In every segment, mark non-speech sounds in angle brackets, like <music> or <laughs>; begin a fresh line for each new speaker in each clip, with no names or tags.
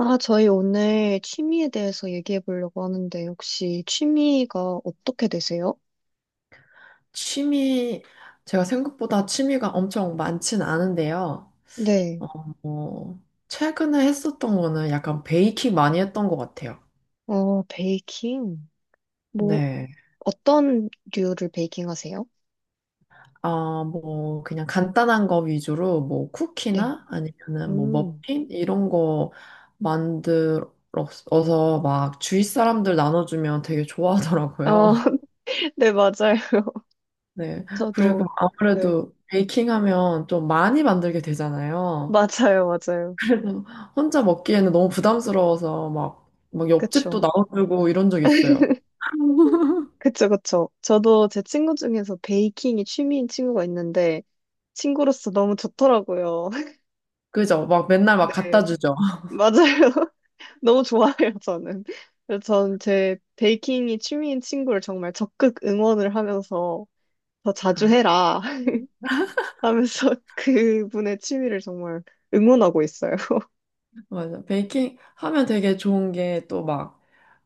아, 저희 오늘 취미에 대해서 얘기해 보려고 하는데, 혹시 취미가 어떻게 되세요?
취미, 제가 생각보다 취미가 엄청 많진 않은데요.
네.
어, 어, 최근에 했었던 거는 약간 베이킹 많이 했던 것 같아요.
어, 베이킹. 뭐,
네.
어떤 류를 베이킹 하세요?
아, 뭐, 그냥 간단한 거 위주로 뭐
네.
쿠키나 아니면은 뭐
음.
머핀? 이런 거 만들어서 막 주위 사람들 나눠주면 되게
어,
좋아하더라고요.
<laughs> 네, 맞아요. <laughs>
<laughs> 네. 그리고
저도. 네.
아무래도 베이킹 하면 좀 많이 만들게 되잖아요.
맞아요, 맞아요.
그래서 혼자 먹기에는 너무 부담스러워서 막 옆집도
그쵸.
나눠주고 이런 적 있어요. <laughs>
그쵸, 그쵸. 저도 제 친구 중에서 베이킹이 취미인 친구가 있는데, 친구로서 너무 좋더라고요. <laughs>
그죠? 막 맨날 막 갖다
네.
주죠.
맞아요. 너무 좋아해요, 저는. 그래서 전 제 베이킹이 취미인 친구를 정말 적극 응원을 하면서 더 자주
아,
해라, <laughs> 하면서 그분의 취미를 정말 응원하고 있어요.
맞아. 베이킹 하면 되게 좋은 게 또 막,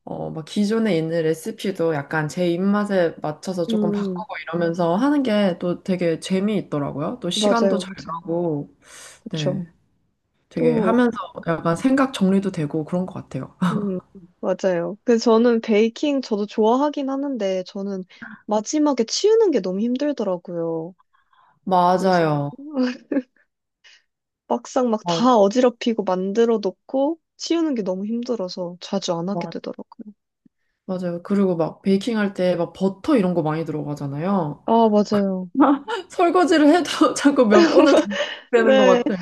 막 기존에 있는 레시피도 약간 제 입맛에 맞춰서 조금
음,
바꾸고 이러면서 하는 게 또 되게 재미있더라고요. 또 시간도
맞아요,
잘
맞아요.
가고,
그쵸.
네. 되게
또,
하면서 약간 생각 정리도 되고 그런 것 같아요. <laughs>
음, 맞아요. 그래서 저는 베이킹 저도 좋아하긴 하는데 저는 마지막에 치우는 게 너무 힘들더라고요. 그래서
맞아요.
<laughs> 막상 막
맞아요.
다 어지럽히고 만들어 놓고 치우는 게 너무 힘들어서 자주 안 하게 되더라고요.
맞아요. 그리고 막 베이킹 할 때 막 버터 이런 거 많이 들어가잖아요.
아, 맞아요.
<laughs> 설거지를 해도 <laughs> 자꾸 몇 번을 더
<laughs>
되는 것
네.
같아요.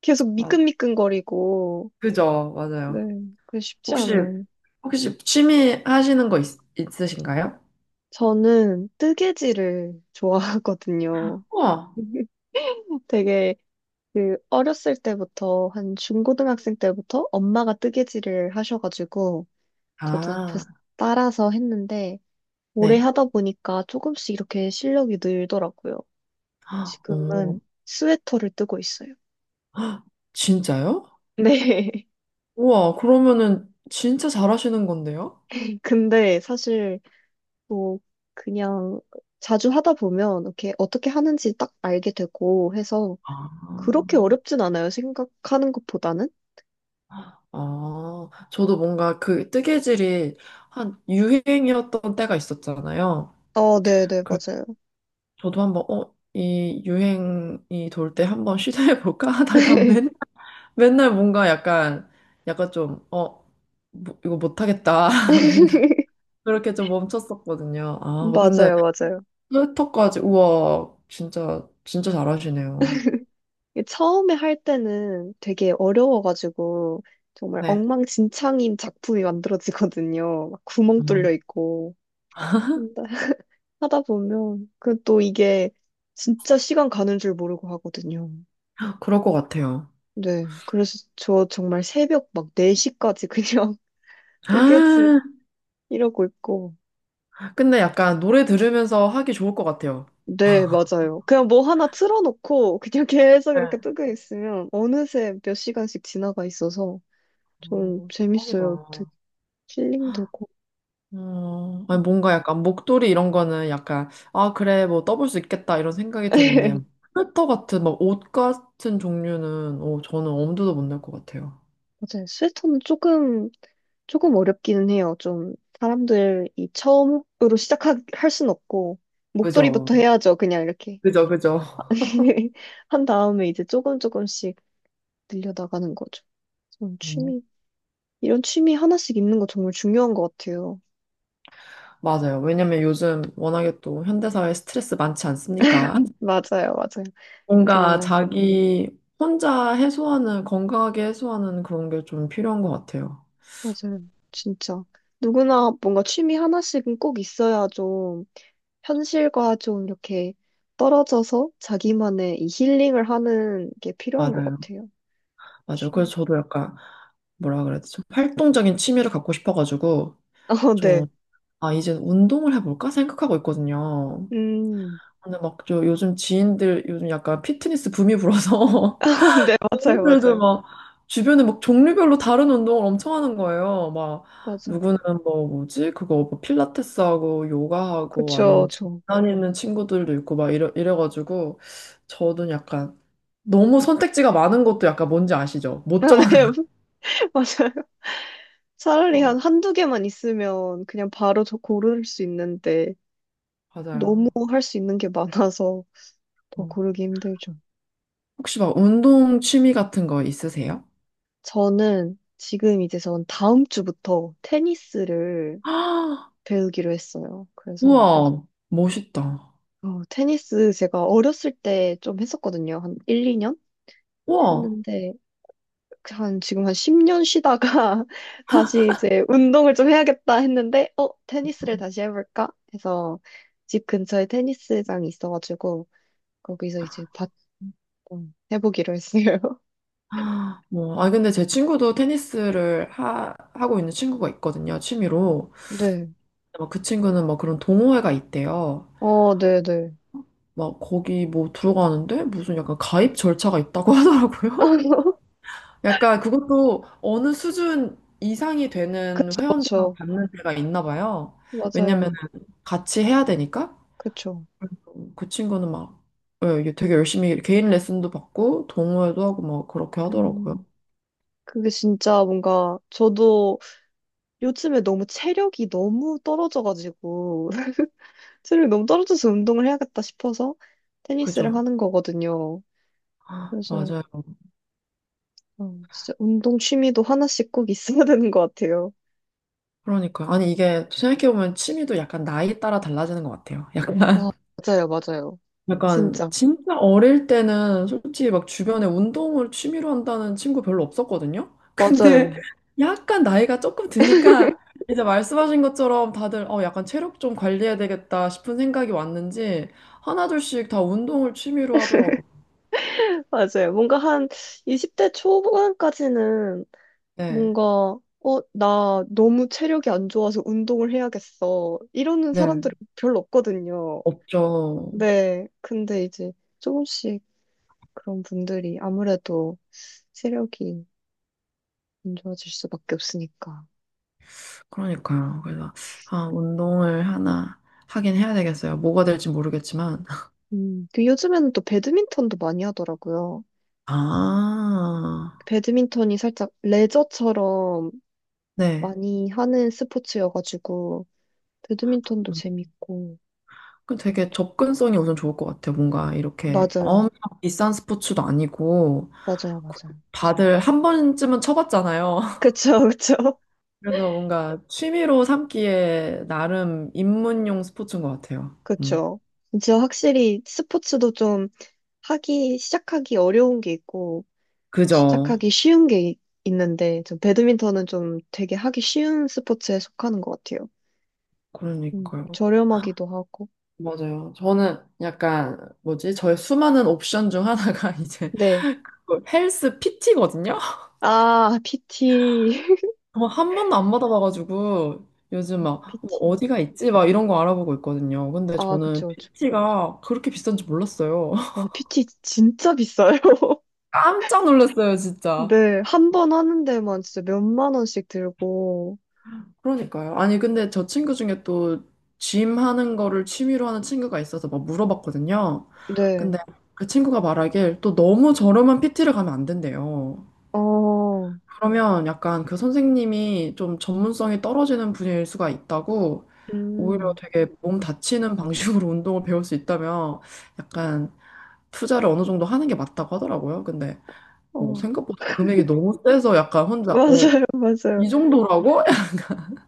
계속
맞,
미끈미끈거리고.
그죠?
네.
맞아요.
그 쉽지
혹시,
않은.
혹시 취미 하시는 거 있으신가요?
저는 뜨개질을 좋아하거든요.
우와.
<laughs> 되게 그 어렸을 때부터 한 중고등학생 때부터 엄마가 뜨개질을 하셔가지고 저도
아,
옆에서 따라서 했는데 오래
네.
하다 보니까 조금씩 이렇게 실력이 늘더라고요.
아,
지금은
오.
스웨터를 뜨고 있어요.
헉, 진짜요?
네. <laughs>
우와, 그러면은 진짜 잘하시는 건데요?
근데 사실 뭐 그냥 자주 하다 보면 이렇게 어떻게 하는지 딱 알게 되고 해서
아,
그렇게 어렵진 않아요. 생각하는 것보다는.
아, 저도 뭔가 그 뜨개질이 한 유행이었던 때가 있었잖아요.
아 네, 네, 맞아요.
저도 한번 이 유행이 돌 때 한번 시도해 볼까 <laughs> 하다가 맨 맨날 뭔가 약간 약간 좀 어, 뭐, 이거 못 하겠다. <laughs> 맨날
<laughs>
그렇게 좀 멈췄었거든요. 아, 근데
맞아요, 맞아요.
트위터까지 우와, 진짜 진짜 잘하시네요.
이게 처음에 할 때는 되게 어려워가지고 정말
네.
엉망진창인 작품이 만들어지거든요. 막 구멍 뚫려
음,
있고. 근데 <laughs> 하다 보면 그 또 이게 진짜 시간 가는 줄 모르고 하거든요.
그럴 것 같아요.
네. 그래서 저 정말 새벽 막 4시까지 그냥 뜨개질
<gasps>
이러고 있고.
아, 근데 약간 노래 들으면서 하기 좋을 것 같아요.
네, 맞아요. 그냥 뭐 하나 틀어놓고 그냥 <laughs> 계속
네.
이렇게
아,
뜨고 있으면 어느새 몇 시간씩 지나가 있어서 좀
대박이다.
재밌어요. 되게 힐링되고.
아니, 뭔가 약간 목도리 이런 거는 약간, 아, 그래, 뭐 떠볼 수 있겠다, 이런 생각이 드는데,
<laughs>
스웨터 같은, 막 옷 같은 종류는, 저는 엄두도 못 낼 것 같아요.
맞아요. 스웨터는 조금 어렵기는 해요. 좀 사람들이 처음으로 시작할 순 없고
그죠?
목도리부터 해야죠. 그냥 이렇게.
그죠, 그죠.
<laughs> 한 다음에 이제 조금 조금씩 늘려나가는 거죠. 저런
음.
취미, 이런 취미 하나씩 있는 거 정말 중요한 것 같아요.
맞아요. 왜냐면 요즘 워낙에 또 현대사회 스트레스 많지 않습니까?
맞아요, 맞아요.
뭔가
정말.
자기 혼자 해소하는, 건강하게 해소하는 그런 게 좀 필요한 것 같아요.
맞아요. 진짜. 누구나 뭔가 취미 하나씩은 꼭 있어야 좀 현실과 좀 이렇게 떨어져서 자기만의 이 힐링을 하는 게 필요한 것
맞아요.
같아요.
맞아요. 그래서
취미.
저도 약간, 뭐라 그래야 되죠? 활동적인 취미를 갖고 싶어가지고,
<laughs> 어, 네.
좀 아, 이제 운동을 해볼까 생각하고 있거든요.
음.
근데 막 저 요즘 지인들 요즘 약간 피트니스 붐이 불어서
<laughs> 네,
<laughs>
맞아요,
지인들도
맞아요.
막 주변에 막 종류별로 다른 운동을 엄청 하는 거예요. 막
맞아요.
누구는 뭐 뭐지? 그거 뭐 필라테스 하고 요가 하고
그쵸,
아니면 집
저.
다니는 친구들도 있고 막 이래가지고 저도 약간 너무 선택지가 많은 것도 약간 뭔지 아시죠?
<laughs>
못
아, 네,
정하는
<laughs> 맞아요. 차라리
<laughs>
한 한두 개만 있으면 그냥 바로 저 고를 수 있는데
아,
너무
맞아요.
할 수 있는 게 많아서 더
어.
고르기 힘들죠.
혹시 막 운동 취미 같은 거 있으세요?
저는 지금 이제 전 다음 주부터 테니스를
<gasps>
배우기로 했어요. 그래서
우와, 멋있다.
테니스 제가 어렸을 때 좀 했었거든요. 한 1, 2년
우와.
했는데 한 지금 한 10년 쉬다가 <laughs> 다시 이제 운동을 좀 해야겠다 했는데 테니스를 다시 해볼까 해서 집 근처에 테니스장이 있어가지고 거기서 이제 어, 해보기로 했어요. <laughs>
아, 뭐, 아, 근데 제 친구도 테니스를 하고 있는 친구가 있거든요, 취미로.
네.
어, 그 친구는 뭐 그런 동호회가 있대요.
어, 네, 네.
막 거기 뭐 들어가는데 무슨 약간 가입 절차가 있다고 <laughs> 하더라고요.
<laughs>
약간 그것도 어느 수준 이상이 되는 회원들만
그렇죠.
받는 데가 있나 봐요. 왜냐면
맞아요.
같이 해야 되니까.
그렇죠.
그래서 그 친구는 막 예, 이게 되게 열심히 개인 레슨도 받고 동호회도 하고 막 그렇게 하더라고요.
음. 그게 진짜 뭔가 저도 요즘에 너무 체력이 너무 떨어져가지고 <laughs> 체력이 너무 떨어져서 운동을 해야겠다 싶어서 테니스를
그죠?
하는 거거든요.
아,
그래서
맞아요.
진짜 운동 취미도 하나씩 꼭 있어야 <laughs> 되는 것 같아요.
그러니까 아니 이게 생각해보면 취미도 약간 나이에 따라 달라지는 것 같아요. 약간
아,
<laughs>
맞아요, 맞아요.
약간
진짜.
진짜 어릴 때는 솔직히 막 주변에 운동을 취미로 한다는 친구 별로 없었거든요. <laughs> 근데
맞아요.
약간 나이가 조금 드니까 이제 말씀하신 것처럼 다들 어 약간 체력 좀 관리해야 되겠다 싶은 생각이 왔는지 하나둘씩 다 운동을 취미로 하더라고요.
<laughs> 맞아요. 뭔가 한 20대 초반까지는
네.
뭔가 나 너무 체력이 안 좋아서 운동을 해야겠어. 이러는
네.
사람들이 별로 없거든요.
없죠.
네, 근데 이제 조금씩 그런 분들이 아무래도 체력이 안 좋아질 수밖에 없으니까.
그러니까요. 그래서, 아, 운동을 하나 하긴 해야 되겠어요. 뭐가 될지 모르겠지만.
그 요즘에는 또 배드민턴도 많이 하더라고요.
아, <laughs>
배드민턴이 살짝 레저처럼
네.
많이 하는 스포츠여가지고, 배드민턴도 재밌고.
그 되게 접근성이 우선 좋을 것 같아요. 뭔가 이렇게
맞아요.
엄청 비싼 스포츠도 아니고,
맞아요,
그리고
맞아요.
다들 한 번쯤은 쳐봤잖아요. <laughs>
그쵸, 그쵸. <laughs>
그래서 뭔가 취미로 삼기에 나름 입문용 스포츠인 것 같아요. 음.
그쵸. 진짜 확실히 스포츠도 좀 하기, 시작하기 어려운 게 있고,
그죠.
시작하기 쉬운 게 있는데, 좀 배드민턴은 좀 되게 하기 쉬운 스포츠에 속하는 것 같아요.
그러니까요.
저렴하기도 하고.
맞아요. 저는 약간, 뭐지? 저의 수많은 옵션 중 하나가 <laughs> 이제
네.
그 헬스 PT거든요?
아, PT.
한 번도 안 받아봐가지고 요즘
<laughs> 어,
막뭐
PT.
어디가 있지? 막 이런 거 알아보고 있거든요. 근데
아,
저는
그쵸, 그쵸.
PT가 그렇게 비싼 지 몰랐어요.
와,
<laughs>
PT 진짜 비싸요. <laughs>
깜짝 놀랐어요, 진짜.
네. 한 번 하는 데만 진짜 몇 만 원씩 들고.
그러니까요. 아니, 근데 저 친구 중에 또 짐 하는 거를 취미로 하는 친구가 있어서 막 물어봤거든요.
네.
근데 그 친구가 말하길 또 너무 저렴한 PT를 가면 안 된대요.
어,
그러면 약간 그 선생님이 좀 전문성이 떨어지는 분야일 수가 있다고 오히려
음,
되게 몸 다치는 방식으로 <laughs> 운동을 배울 수 있다면 약간 투자를 어느 정도 하는 게 맞다고 하더라고요. 근데 뭐
어,
생각보다 금액이 너무 세서 약간
<laughs>
혼자
맞아요, 맞아요.
이 정도라고? <laughs>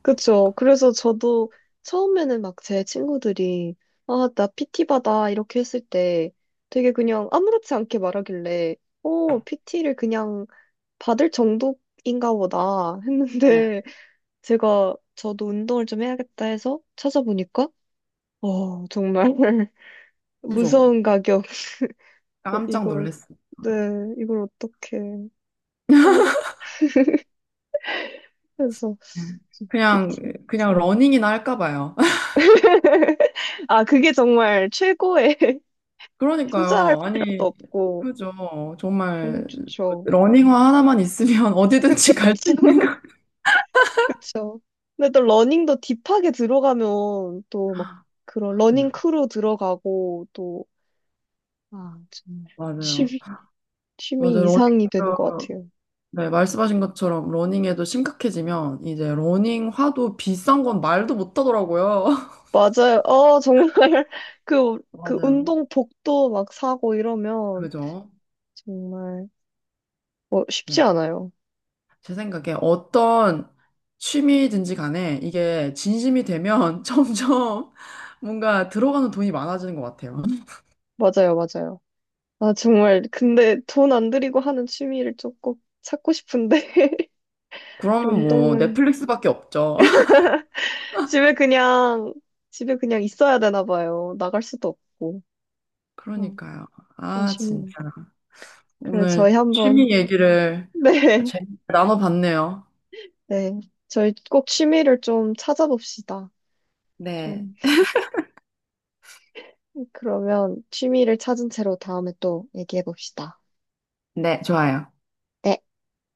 그쵸. 그래서 저도 처음에는 막 제 친구들이, 아, 나 PT 받아. 이렇게 했을 때 되게 그냥 아무렇지 않게 말하길래, PT를 그냥 받을 정도인가 보다
네,
했는데, <laughs> 제가 저도 운동을 좀 해야겠다 해서 찾아보니까, 정말 <laughs>
그죠.
무서운 가격.
깜짝
이걸,
놀랐어요.
네, 이걸 어떻게 한다? 그래서
그냥
PT.
그냥 러닝이나 할까 봐요. <laughs>
아, 그게 정말 최고의. <laughs> 투자할
그러니까요.
필요도
아니,
없고.
그죠.
정말
정말
좋죠.
러닝화 하나만 있으면 <laughs>
그쵸,
어디든지 갈 수
그쵸,
있는 거.
<laughs> 그쵸. 근데 또 러닝도 딥하게 들어가면 또 막 그런 러닝 크루 들어가고 또, 아, 정말
맞아요.
취미, 취미
맞아요.
이상이 되는 것
러닝도,
같아요.
네, 말씀하신 것처럼 러닝에도 심각해지면 이제 러닝화도 비싼 건 말도 못 하더라고요. <laughs>
맞아요. 정말 <laughs> 그
맞아요.
운동복도 막 사고 이러면
그죠?
정말 뭐 쉽지
네.
않아요.
제 생각에 어떤 취미든지 간에 이게 진심이 되면 <laughs> 점점 뭔가 들어가는 돈이 많아지는 것 같아요.
맞아요, 맞아요. 아, 정말 근데 돈 안 들이고 하는 취미를 조금 찾고 싶은데. <laughs>
그러면 뭐
운동은
넷플릭스밖에 없죠. <laughs>
집에 그냥, 집에 그냥 있어야 되나 봐요. 나갈 수도 없고. 아,
그러니까요. 아, 진짜.
아쉽네. 그래,
오늘
저희 한번,
취미 얘기를
<laughs> 네,
재밌게 나눠봤네요.
네. 저희 꼭 취미를 좀 찾아봅시다.
네.
좀, 그러면 취미를 찾은 채로 다음에 또 얘기해 봅시다.
네, 좋아요.